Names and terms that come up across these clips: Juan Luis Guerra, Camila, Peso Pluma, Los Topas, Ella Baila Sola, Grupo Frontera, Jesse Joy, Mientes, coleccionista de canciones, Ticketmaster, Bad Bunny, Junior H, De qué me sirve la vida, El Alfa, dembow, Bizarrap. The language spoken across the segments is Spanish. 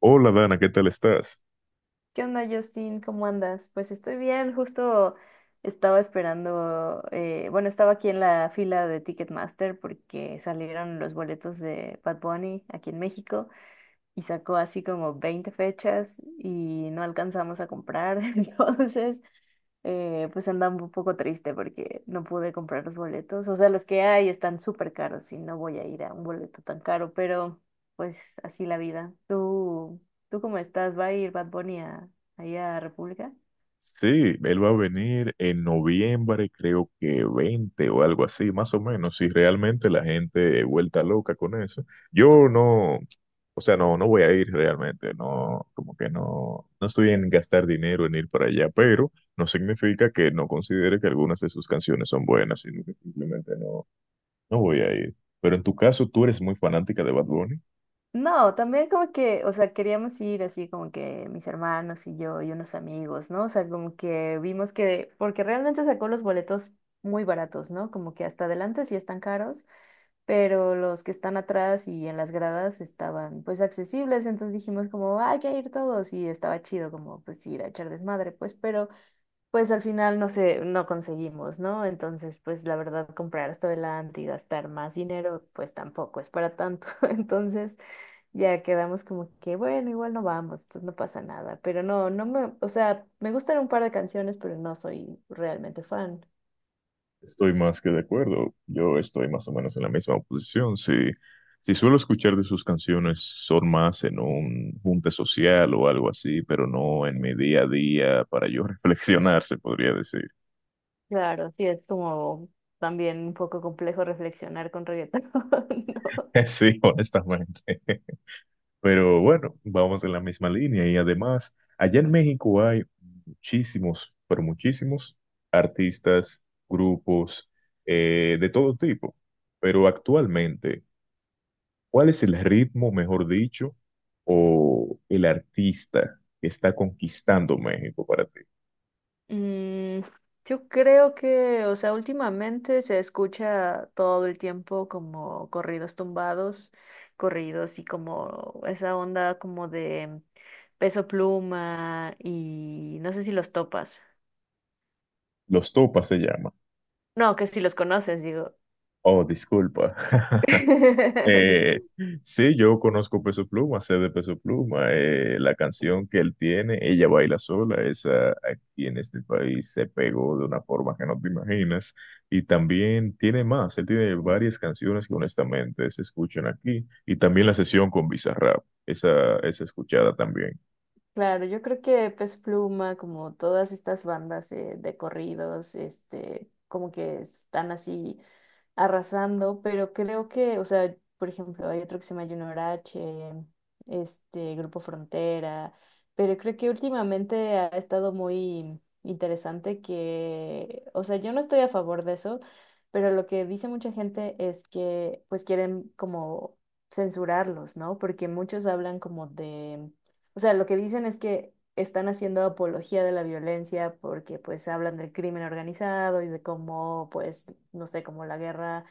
Hola Dana, ¿qué tal estás? ¿Qué onda, Justin? ¿Cómo andas? Pues estoy bien, justo estaba esperando, bueno, estaba aquí en la fila de Ticketmaster porque salieron los boletos de Bad Bunny aquí en México y sacó así como 20 fechas y no alcanzamos a comprar. Entonces, pues andaba un poco triste porque no pude comprar los boletos. O sea, los que hay están súper caros y no voy a ir a un boleto tan caro, pero pues así la vida. ¿Tú cómo estás? ¿Va a ir Bad Bunny a, ahí a República? Sí, él va a venir en noviembre, creo que 20 o algo así, más o menos, si realmente la gente vuelta loca con eso. Yo no, o sea, no, no voy a ir realmente, no, como que no, no estoy en gastar dinero en ir para allá, pero no significa que no considere que algunas de sus canciones son buenas, sino que simplemente no, no voy a ir. Pero en tu caso, ¿tú eres muy fanática de Bad Bunny? No, también como que, o sea, queríamos ir así como que mis hermanos y yo y unos amigos, ¿no? O sea, como que vimos que, porque realmente sacó los boletos muy baratos, ¿no? Como que hasta adelante sí están caros, pero los que están atrás y en las gradas estaban pues accesibles, entonces dijimos como, "Ah, hay que ir todos y estaba chido como pues ir a echar desmadre, pues, pero pues al final no sé, no conseguimos, ¿no? Entonces pues la verdad comprar hasta adelante y gastar más dinero pues tampoco es para tanto, entonces... Ya quedamos como que, bueno, igual no vamos, entonces no pasa nada. Pero no, no me, o sea, me gustan un par de canciones, pero no soy realmente fan. Estoy más que de acuerdo. Yo estoy más o menos en la misma posición. Si, si suelo escuchar de sus canciones, son más en un junte social o algo así, pero no en mi día a día para yo reflexionar, se podría decir. Claro, sí, es como también un poco complejo reflexionar con reggaetón, ¿no? Sí, honestamente. Pero bueno, vamos en la misma línea. Y además, allá en México hay muchísimos, pero muchísimos artistas, grupos, de todo tipo. Pero actualmente... ¿Cuál es el ritmo, mejor dicho, o el artista que está conquistando México para ti? Mm, yo creo que, o sea, últimamente se escucha todo el tiempo como corridos tumbados, corridos y como esa onda como de Peso Pluma y no sé si los topas. Los Topas se llama. No, que si los conoces, digo. Oh, disculpa. Eh, Sí. sí, yo conozco Peso Pluma, sé de Peso Pluma. La canción que él tiene, Ella Baila Sola, esa aquí en este país se pegó de una forma que no te imaginas. Y también tiene más, él tiene varias canciones que honestamente se escuchan aquí. Y también la sesión con Bizarrap, esa es escuchada también. Claro, yo creo que Pez Pluma, como todas estas bandas de corridos, este, como que están así arrasando, pero creo que, o sea, por ejemplo, hay otro que se llama Junior H, este, Grupo Frontera, pero creo que últimamente ha estado muy interesante que, o sea, yo no estoy a favor de eso, pero lo que dice mucha gente es que pues quieren como censurarlos, ¿no? Porque muchos hablan como de o sea, lo que dicen es que están haciendo apología de la violencia porque pues hablan del crimen organizado y de cómo pues, no sé, como la guerra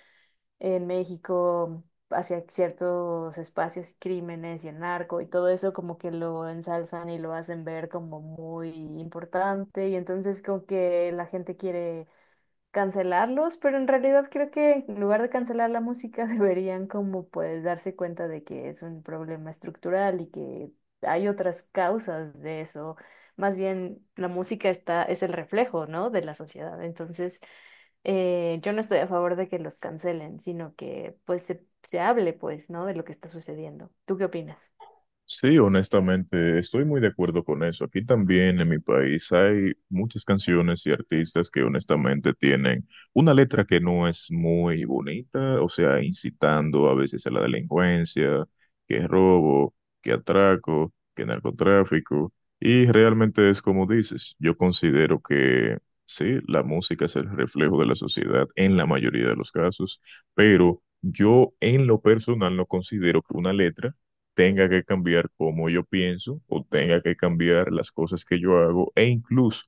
en México hacia ciertos espacios, crímenes y el narco y todo eso como que lo ensalzan y lo hacen ver como muy importante y entonces como que la gente quiere cancelarlos, pero en realidad creo que en lugar de cancelar la música deberían como pues darse cuenta de que es un problema estructural y que hay otras causas de eso. Más bien la música está, es el reflejo, ¿no? de la sociedad. Entonces, yo no estoy a favor de que los cancelen, sino que pues se hable pues, ¿no? de lo que está sucediendo. ¿Tú qué opinas? Sí, honestamente, estoy muy de acuerdo con eso. Aquí también en mi país hay muchas canciones y artistas que honestamente tienen una letra que no es muy bonita, o sea, incitando a veces a la delincuencia, que es robo, que atraco, que narcotráfico. Y realmente es como dices, yo considero que sí, la música es el reflejo de la sociedad en la mayoría de los casos, pero yo en lo personal no considero que una letra tenga que cambiar cómo yo pienso o tenga que cambiar las cosas que yo hago e incluso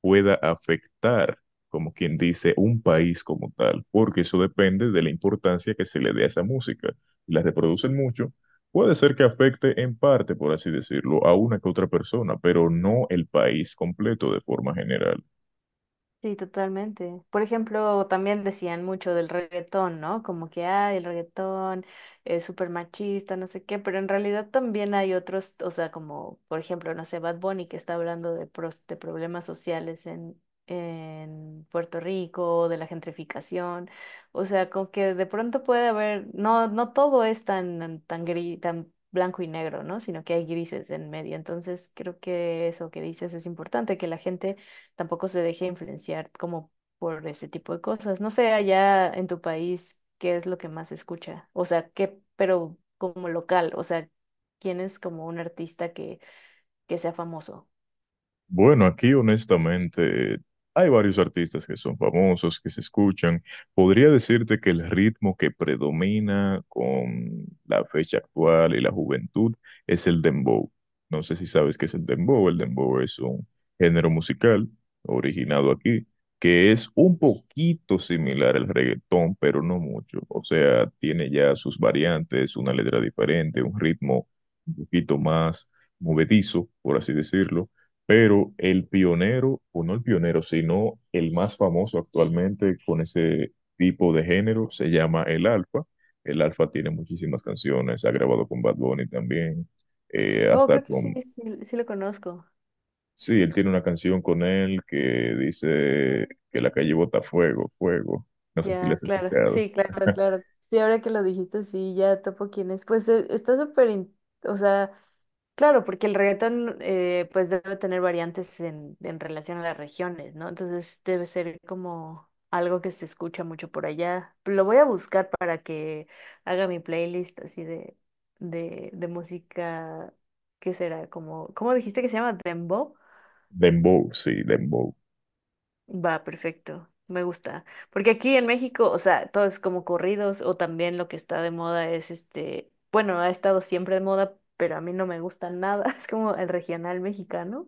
pueda afectar, como quien dice, un país como tal, porque eso depende de la importancia que se le dé a esa música. Si la reproducen mucho, puede ser que afecte en parte, por así decirlo, a una que otra persona, pero no el país completo de forma general. Sí, totalmente. Por ejemplo, también decían mucho del reggaetón, ¿no? Como que, ay, el reggaetón es súper machista, no sé qué, pero en realidad también hay otros, o sea, como, por ejemplo, no sé, Bad Bunny que está hablando de, de problemas sociales en Puerto Rico, de la gentrificación, o sea, como que de pronto puede haber, no, no todo es tan gris, tan blanco y negro, ¿no? Sino que hay grises en medio. Entonces, creo que eso que dices es importante, que la gente tampoco se deje influenciar como por ese tipo de cosas. No sé, allá en tu país, ¿qué es lo que más se escucha? O sea, ¿qué, pero como local? O sea, ¿quién es como un artista que sea famoso? Bueno, aquí honestamente hay varios artistas que son famosos, que se escuchan. Podría decirte que el ritmo que predomina con la fecha actual y la juventud es el dembow. No sé si sabes qué es el dembow. El dembow es un género musical originado aquí, que es un poquito similar al reggaetón, pero no mucho. O sea, tiene ya sus variantes, una letra diferente, un ritmo un poquito más movedizo, por así decirlo, pero el pionero, o no el pionero, sino el más famoso actualmente con ese tipo de género, se llama El Alfa. El Alfa tiene muchísimas canciones, ha grabado con Bad Bunny también, Oh, hasta creo que sí, con... sí, sí lo conozco. Sí, él tiene una canción con él que dice que la calle bota fuego, fuego. No sé si la Ya, has claro, escuchado. sí, claro, claro. Sí, ahora que lo dijiste, sí, ya topo quién es. Pues está súper, o sea, claro, porque el reggaetón pues debe tener variantes en relación a las regiones, ¿no? Entonces debe ser como algo que se escucha mucho por allá. Lo voy a buscar para que haga mi playlist así de, de música, ¿qué será? Como, ¿cómo dijiste que se llama? ¿Dembow? Dembow, sí, Dembow. Va, perfecto, me gusta. Porque aquí en México, o sea, todo es como corridos o también lo que está de moda es este, bueno, ha estado siempre de moda, pero a mí no me gusta nada, es como el regional mexicano.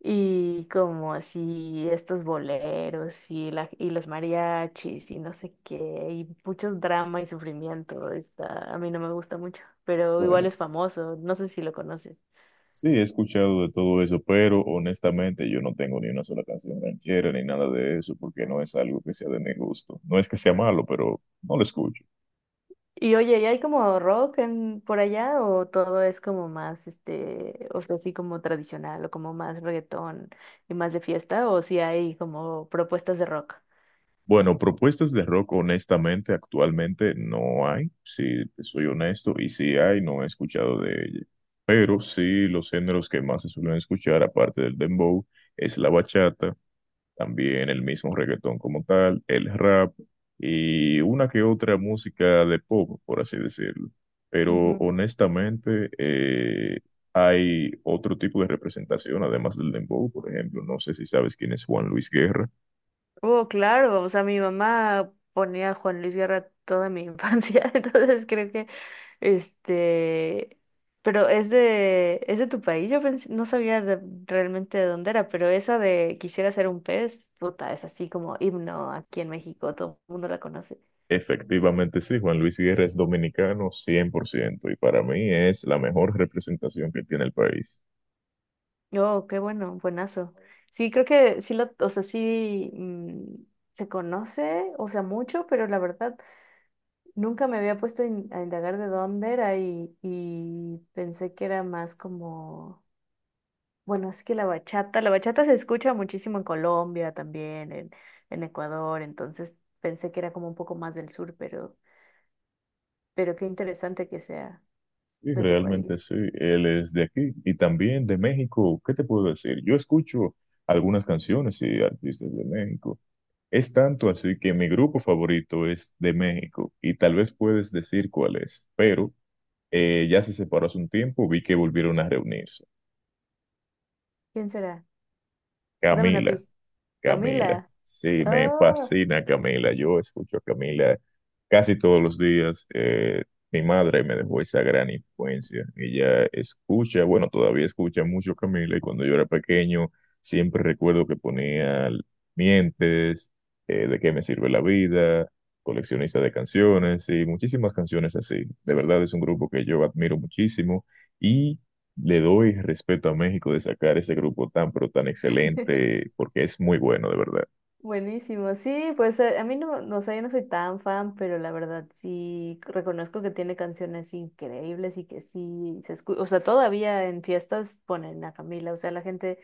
Y como así estos boleros y los mariachis y no sé qué, y muchos drama y sufrimiento, está, a mí no me gusta mucho, pero igual Bueno. es famoso, no sé si lo conoces. Sí, he escuchado de todo eso, pero honestamente yo no tengo ni una sola canción ranchera ni nada de eso, porque no es algo que sea de mi gusto. No es que sea malo, pero no lo escucho. Y oye, ¿y hay como rock en, por allá o todo es como más, este, o sea, así como tradicional o como más reggaetón y más de fiesta o si hay como propuestas de rock? Bueno, propuestas de rock honestamente actualmente no hay, si te soy honesto, y si hay, no he escuchado de ella. Pero sí, los géneros que más se suelen escuchar, aparte del dembow, es la bachata, también el mismo reggaetón como tal, el rap y una que otra música de pop, por así decirlo. Pero honestamente, hay otro tipo de representación, además del dembow, por ejemplo. No sé si sabes quién es Juan Luis Guerra. Oh, claro, o sea, mi mamá ponía a Juan Luis Guerra toda mi infancia, entonces creo que, este, pero es de tu país, yo pensé no sabía realmente de dónde era, pero esa de Quisiera ser un pez, puta, es así como himno aquí en México, todo el mundo la conoce. Efectivamente, sí, Juan Luis Guerra es dominicano 100% y para mí es la mejor representación que tiene el país. Oh, qué bueno, buenazo. Sí, creo que sí, lo, o sea, sí se conoce, o sea, mucho, pero la verdad... Nunca me había puesto a indagar de dónde era y pensé que era más como, bueno, es que la bachata se escucha muchísimo en Colombia también, en Ecuador, entonces pensé que era como un poco más del sur, pero, qué interesante que sea Sí, de tu realmente país. sí, él es de aquí y también de México. ¿Qué te puedo decir? Yo escucho algunas canciones y artistas de México. Es tanto así que mi grupo favorito es de México y tal vez puedes decir cuál es, pero ya se separó hace un tiempo, vi que volvieron a reunirse. ¿Quién será? Dame una Camila. pista. Camila. Camila. Sí, me Oh. fascina Camila. Yo escucho a Camila casi todos los días. Mi madre me dejó esa gran influencia. Ella escucha, bueno, todavía escucha mucho Camila y cuando yo era pequeño siempre recuerdo que ponía Mientes, De qué me sirve la vida, coleccionista de canciones y muchísimas canciones así. De verdad es un grupo que yo admiro muchísimo. Y le doy respeto a México de sacar ese grupo tan, pero tan excelente, porque es muy bueno, de verdad. Buenísimo, sí, pues a mí no, no sé, yo no soy tan fan, pero la verdad sí reconozco que tiene canciones increíbles y que sí se escucha, o sea, todavía en fiestas ponen a Camila, o sea, la gente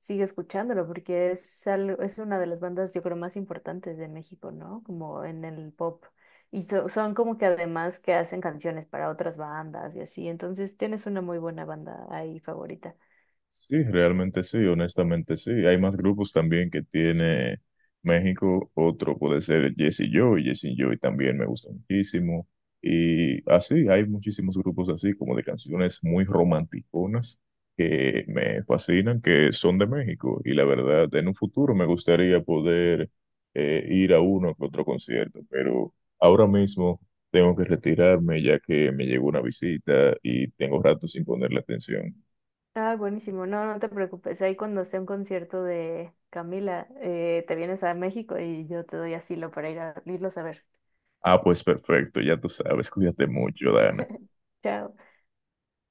sigue escuchándolo porque es algo, es una de las bandas yo creo más importantes de México, ¿no? Como en el pop. Y son como que además que hacen canciones para otras bandas y así, entonces tienes una muy buena banda ahí favorita. Sí, realmente sí, honestamente sí. Hay más grupos también que tiene México. Otro puede ser Jesse Joy. Jesse Joy también me gusta muchísimo. Y así, hay muchísimos grupos así, como de canciones muy romanticonas que me fascinan, que son de México. Y la verdad, en un futuro me gustaría poder ir a uno que otro concierto, pero ahora mismo tengo que retirarme ya que me llegó una visita y tengo rato sin ponerle atención. Ah, buenísimo. No, no te preocupes. Ahí cuando sea un concierto de Camila, te vienes a México y yo te doy asilo para ir a irlos a ver. Ah, pues perfecto, ya tú sabes, cuídate mucho, Dana. Chao.